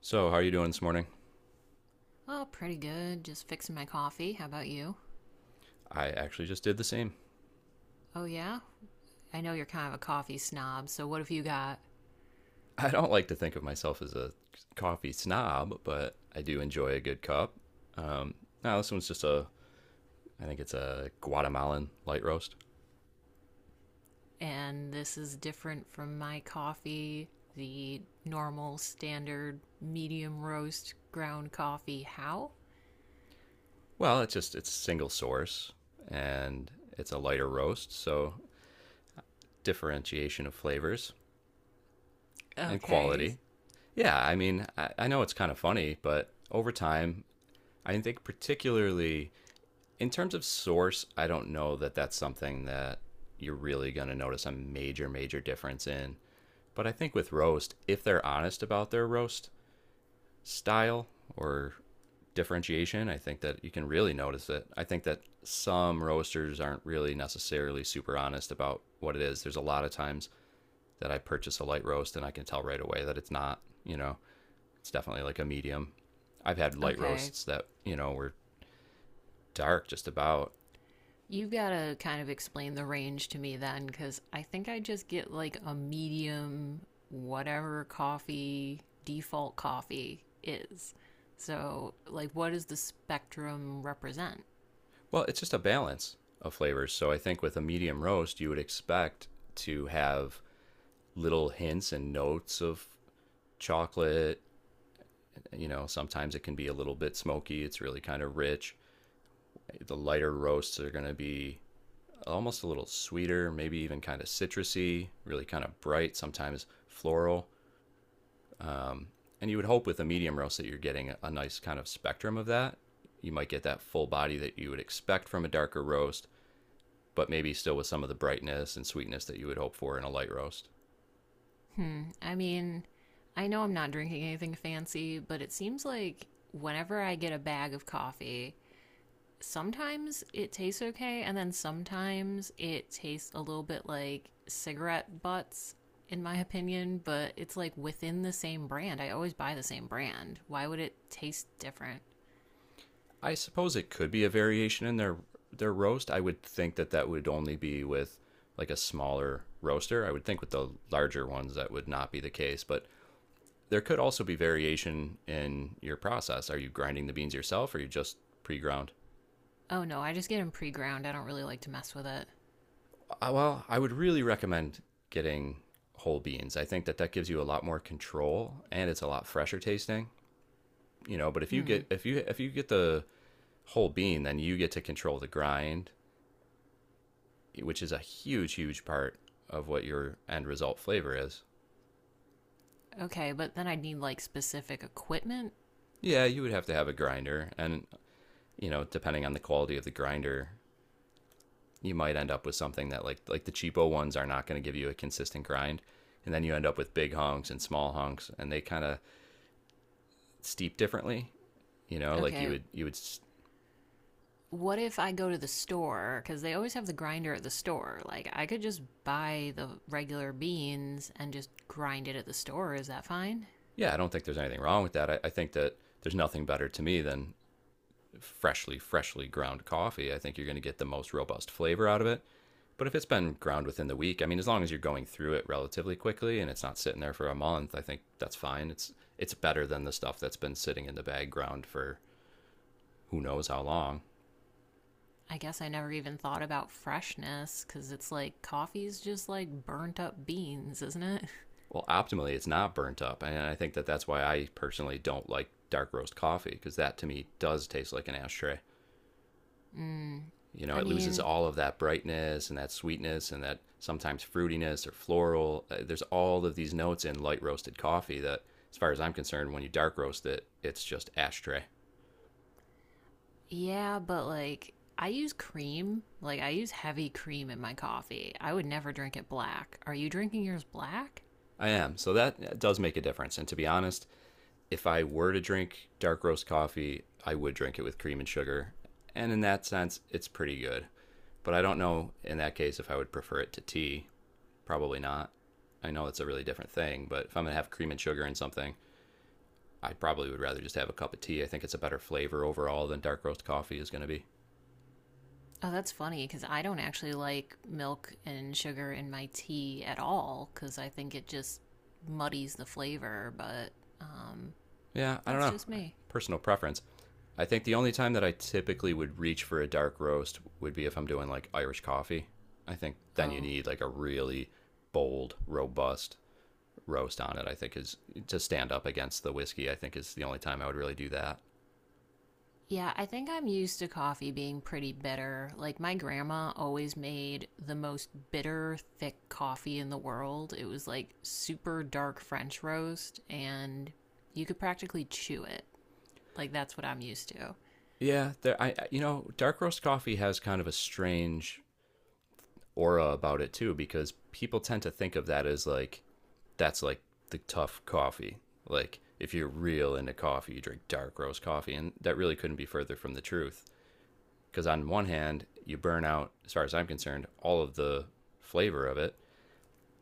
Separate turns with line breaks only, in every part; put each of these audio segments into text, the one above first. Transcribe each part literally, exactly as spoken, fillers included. So, how are you doing this morning?
Oh, pretty good. Just fixing my coffee. How about you?
I actually just did the same.
Oh, yeah? I know you're kind of a coffee snob, so what have you got?
I don't like to think of myself as a coffee snob, but I do enjoy a good cup. Um, Now this one's just a, I think it's a Guatemalan light roast.
And this is different from my coffee, the normal, standard, medium roast ground coffee. How?
Well, it's just it's single source and it's a lighter roast, so differentiation of flavors and
Okay.
quality. Yeah, I mean, I, I know it's kind of funny, but over time, I think particularly in terms of source, I don't know that that's something that you're really going to notice a major, major difference in. But I think with roast, if they're honest about their roast style or differentiation, I think that you can really notice it. I think that some roasters aren't really necessarily super honest about what it is. There's a lot of times that I purchase a light roast and I can tell right away that it's not, you know, It's definitely like a medium. I've had light
Okay.
roasts that, you know, were dark just about.
You've got to kind of explain the range to me then, because I think I just get like a medium, whatever coffee, default coffee is. So, like, what does the spectrum represent?
Well, it's just a balance of flavors. So I think with a medium roast, you would expect to have little hints and notes of chocolate. You know, sometimes it can be a little bit smoky. It's really kind of rich. The lighter roasts are going to be almost a little sweeter, maybe even kind of citrusy, really kind of bright, sometimes floral. Um, and you would hope with a medium roast that you're getting a- a nice kind of spectrum of that. You might get that full body that you would expect from a darker roast but maybe still with some of the brightness and sweetness that you would hope for in a light roast.
Hmm. I mean, I know I'm not drinking anything fancy, but it seems like whenever I get a bag of coffee, sometimes it tastes okay, and then sometimes it tastes a little bit like cigarette butts, in my opinion, but it's like within the same brand. I always buy the same brand. Why would it taste different?
I suppose it could be a variation in their their roast. I would think that that would only be with like a smaller roaster. I would think with the larger ones that would not be the case, but there could also be variation in your process. Are you grinding the beans yourself or are you just pre-ground?
Oh no, I just get them pre ground. I don't really like to mess with it.
Uh, Well, I would really recommend getting whole beans. I think that that gives you a lot more control and it's a lot fresher tasting, you know, but if you
Hmm,
get if you if you get the whole being, then you get to control the grind, which is a huge, huge part of what your end result flavor is.
okay, but then I'd need like specific equipment.
Yeah, you would have to have a grinder, and you know, depending on the quality of the grinder, you might end up with something that like like the cheapo ones are not going to give you a consistent grind, and then you end up with big hunks and small hunks, and they kind of steep differently. You know, like you
Okay,
would you would
what if I go to the store? Because they always have the grinder at the store. Like, I could just buy the regular beans and just grind it at the store. Is that fine?
yeah, I don't think there's anything wrong with that. I, I think that there's nothing better to me than freshly, freshly ground coffee. I think you're going to get the most robust flavor out of it. But if it's been ground within the week, I mean, as long as you're going through it relatively quickly and it's not sitting there for a month, I think that's fine. It's it's better than the stuff that's been sitting in the bag ground for who knows how long.
I guess I never even thought about freshness because it's like coffee's just like burnt up beans, isn't it?
Well, optimally, it's not burnt up, and I think that that's why I personally don't like dark roast coffee because that to me does taste like an ashtray.
Mm.
You know,
I
it loses
mean,
all of that brightness and that sweetness and that sometimes fruitiness or floral. Uh, There's all of these notes in light roasted coffee that, as far as I'm concerned, when you dark roast it, it's just ashtray.
yeah, but like I use cream. Like I use heavy cream in my coffee. I would never drink it black. Are you drinking yours black?
I am. So that uh, does make a difference. And to be honest, if I were to drink dark roast coffee, I would drink it with cream and sugar. And in that sense, it's pretty good. But I don't know in that case if I would prefer it to tea. Probably not. I know it's a really different thing, but if I'm going to have cream and sugar in something, I probably would rather just have a cup of tea. I think it's a better flavor overall than dark roast coffee is going to be.
Oh, that's funny because I don't actually like milk and sugar in my tea at all because I think it just muddies the flavor, but um,
Yeah, I don't
that's
know.
just me.
Personal preference. I think the only time that I typically would reach for a dark roast would be if I'm doing like Irish coffee. I think then you
Oh,
need like a really bold, robust roast on it. I think is to stand up against the whiskey. I think is the only time I would really do that.
yeah, I think I'm used to coffee being pretty bitter. Like, my grandma always made the most bitter, thick coffee in the world. It was like super dark French roast, and you could practically chew it. Like, that's what I'm used to.
Yeah, there. I You know, dark roast coffee has kind of a strange aura about it too because people tend to think of that as like that's like the tough coffee. Like if you're real into coffee, you drink dark roast coffee, and that really couldn't be further from the truth. Because on one hand, you burn out, as far as I'm concerned, all of the flavor of it,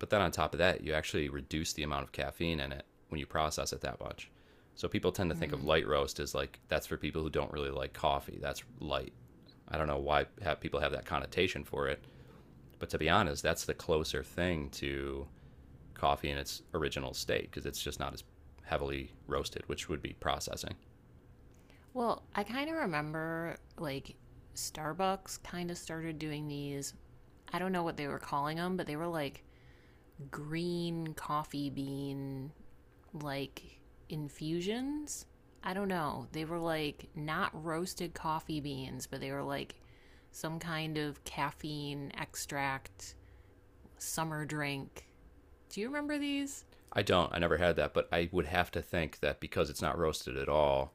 but then on top of that, you actually reduce the amount of caffeine in it when you process it that much. So people tend to think of
Hmm.
light roast as like that's for people who don't really like coffee. That's light. I don't know why ha people have that connotation for it, but to be honest, that's the closer thing to coffee in its original state because it's just not as heavily roasted, which would be processing.
Well, I kind of remember, like, Starbucks kind of started doing these. I don't know what they were calling them, but they were like green coffee bean, like, infusions. I don't know. They were like not roasted coffee beans, but they were like some kind of caffeine extract, summer drink. Do you remember these?
I don't. I never had that, but I would have to think that because it's not roasted at all,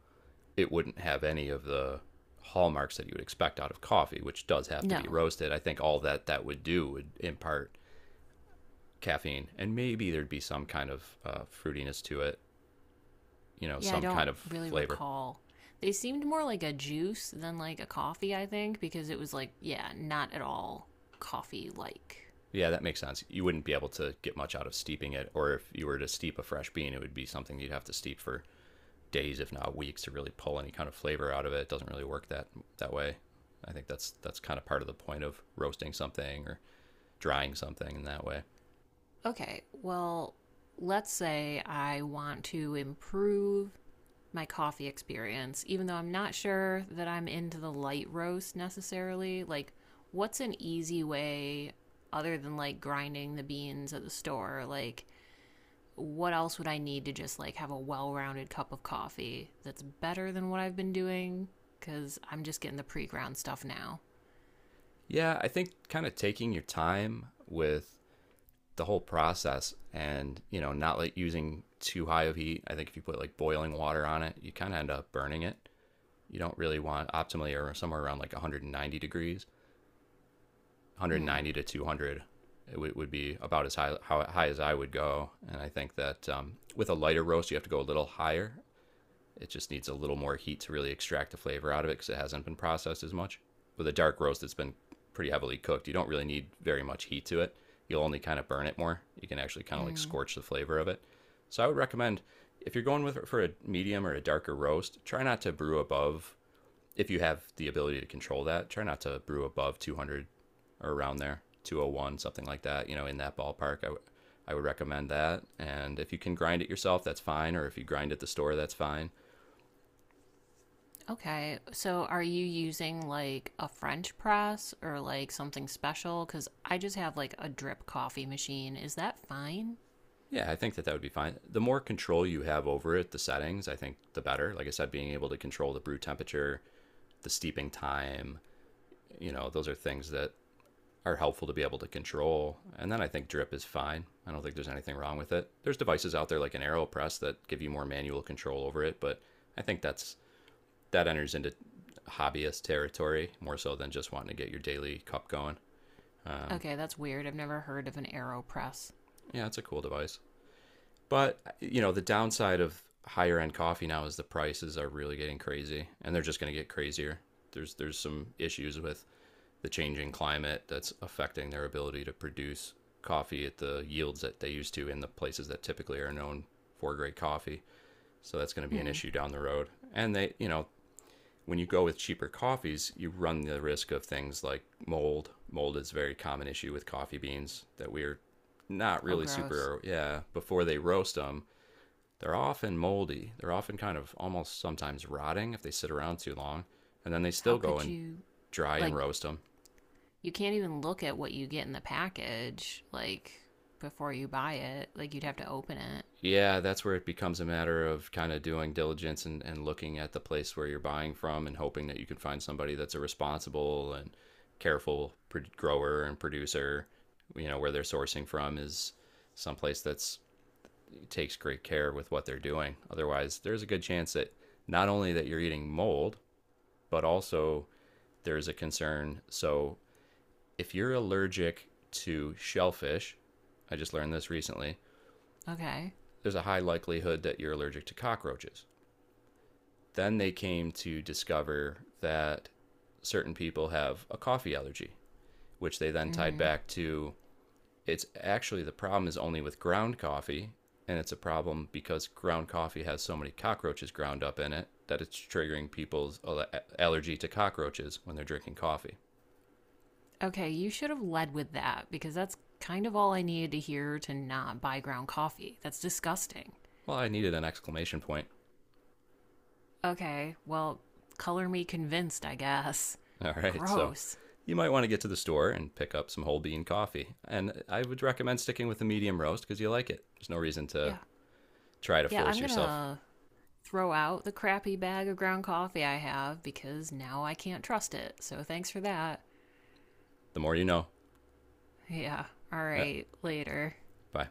it wouldn't have any of the hallmarks that you would expect out of coffee, which does have to be
No.
roasted. I think all that that would do would impart caffeine, and maybe there'd be some kind of uh, fruitiness to it, you know,
Yeah, I
some
don't
kind of
really
flavor.
recall. They seemed more like a juice than like a coffee, I think, because it was like, yeah, not at all coffee like.
Yeah, that makes sense. You wouldn't be able to get much out of steeping it, or if you were to steep a fresh bean, it would be something you'd have to steep for days, if not weeks, to really pull any kind of flavor out of it. It doesn't really work that that way. I think that's that's kind of part of the point of roasting something or drying something in that way.
Okay, well, let's say I want to improve my coffee experience, even though I'm not sure that I'm into the light roast necessarily. Like, what's an easy way other than like grinding the beans at the store? Like, what else would I need to just like have a well rounded cup of coffee that's better than what I've been doing? Because I'm just getting the pre ground stuff now.
Yeah, I think kind of taking your time with the whole process and, you know, not like using too high of heat. I think if you put like boiling water on it, you kind of end up burning it. You don't really want optimally or somewhere around like one hundred ninety degrees,
Hmm.
one hundred ninety to two hundred it would would be about as high how high as I would go. And I think that um, with a lighter roast, you have to go a little higher. It just needs a little more heat to really extract the flavor out of it because it hasn't been processed as much. With a dark roast that's been pretty heavily cooked, you don't really need very much heat to it. You'll only kind of burn it more. You can actually kind of like
Mm.
scorch the flavor of it. So I would recommend if you're going with for a medium or a darker roast, try not to brew above, if you have the ability to control that, try not to brew above two hundred or around there, two oh one, something like that, you know, in that ballpark. I, w- I would recommend that. And if you can grind it yourself, that's fine. Or if you grind at the store, that's fine.
Okay. So are you using like a French press or like something special? Because I just have like a drip coffee machine. Is that fine?
Yeah, I think that that would be fine. The more control you have over it, the settings, I think the better. Like I said, being able to control the brew temperature, the steeping time, you know, those are things that are helpful to be able to control. And then I think drip is fine. I don't think there's anything wrong with it. There's devices out there like an AeroPress that give you more manual control over it, but I think that's that enters into hobbyist territory more so than just wanting to get your daily cup going. Um,
Okay, that's weird. I've never heard of an AeroPress.
yeah, it's a cool device. But you know, the downside of higher end coffee now is the prices are really getting crazy, and they're just going to get crazier. There's there's some issues with the changing climate that's affecting their ability to produce coffee at the yields that they used to in the places that typically are known for great coffee. So that's going to be an
Hmm.
issue down the road. And they, you know, when you go with cheaper coffees, you run the risk of things like mold. Mold is a very common issue with coffee beans that we are not
Oh,
really
gross.
super, yeah, before they roast them, they're often moldy. They're often kind of almost sometimes rotting if they sit around too long. And then they
How
still go
could
and
you,
dry and
like,
roast them.
you can't even look at what you get in the package, like, before you buy it. Like, you'd have to open it.
Yeah, that's where it becomes a matter of kind of doing diligence and, and looking at the place where you're buying from and hoping that you can find somebody that's a responsible and careful pr- grower and producer, you know, where they're sourcing from is someplace that's takes great care with what they're doing. Otherwise, there's a good chance that not only that you're eating mold, but also there's a concern. So, if you're allergic to shellfish, I just learned this recently,
Okay.
there's a high likelihood that you're allergic to cockroaches. Then they came to discover that certain people have a coffee allergy, which they then
Mm
tied
hmm.
back to it's actually the problem is only with ground coffee, and it's a problem because ground coffee has so many cockroaches ground up in it that it's triggering people's allergy to cockroaches when they're drinking coffee.
Okay, you should have led with that because that's kind of all I needed to hear to not buy ground coffee. That's disgusting.
Well, I needed an exclamation point.
Okay, well, color me convinced, I guess.
All right, so
Gross.
you might want to get to the store and pick up some whole bean coffee. And I would recommend sticking with the medium roast because you like it. There's no reason to
Yeah.
try to
Yeah,
force
I'm
yourself.
gonna throw out the crappy bag of ground coffee I have because now I can't trust it. So thanks for that.
The more you know.
Yeah. All
Yeah,
right. Later.
bye.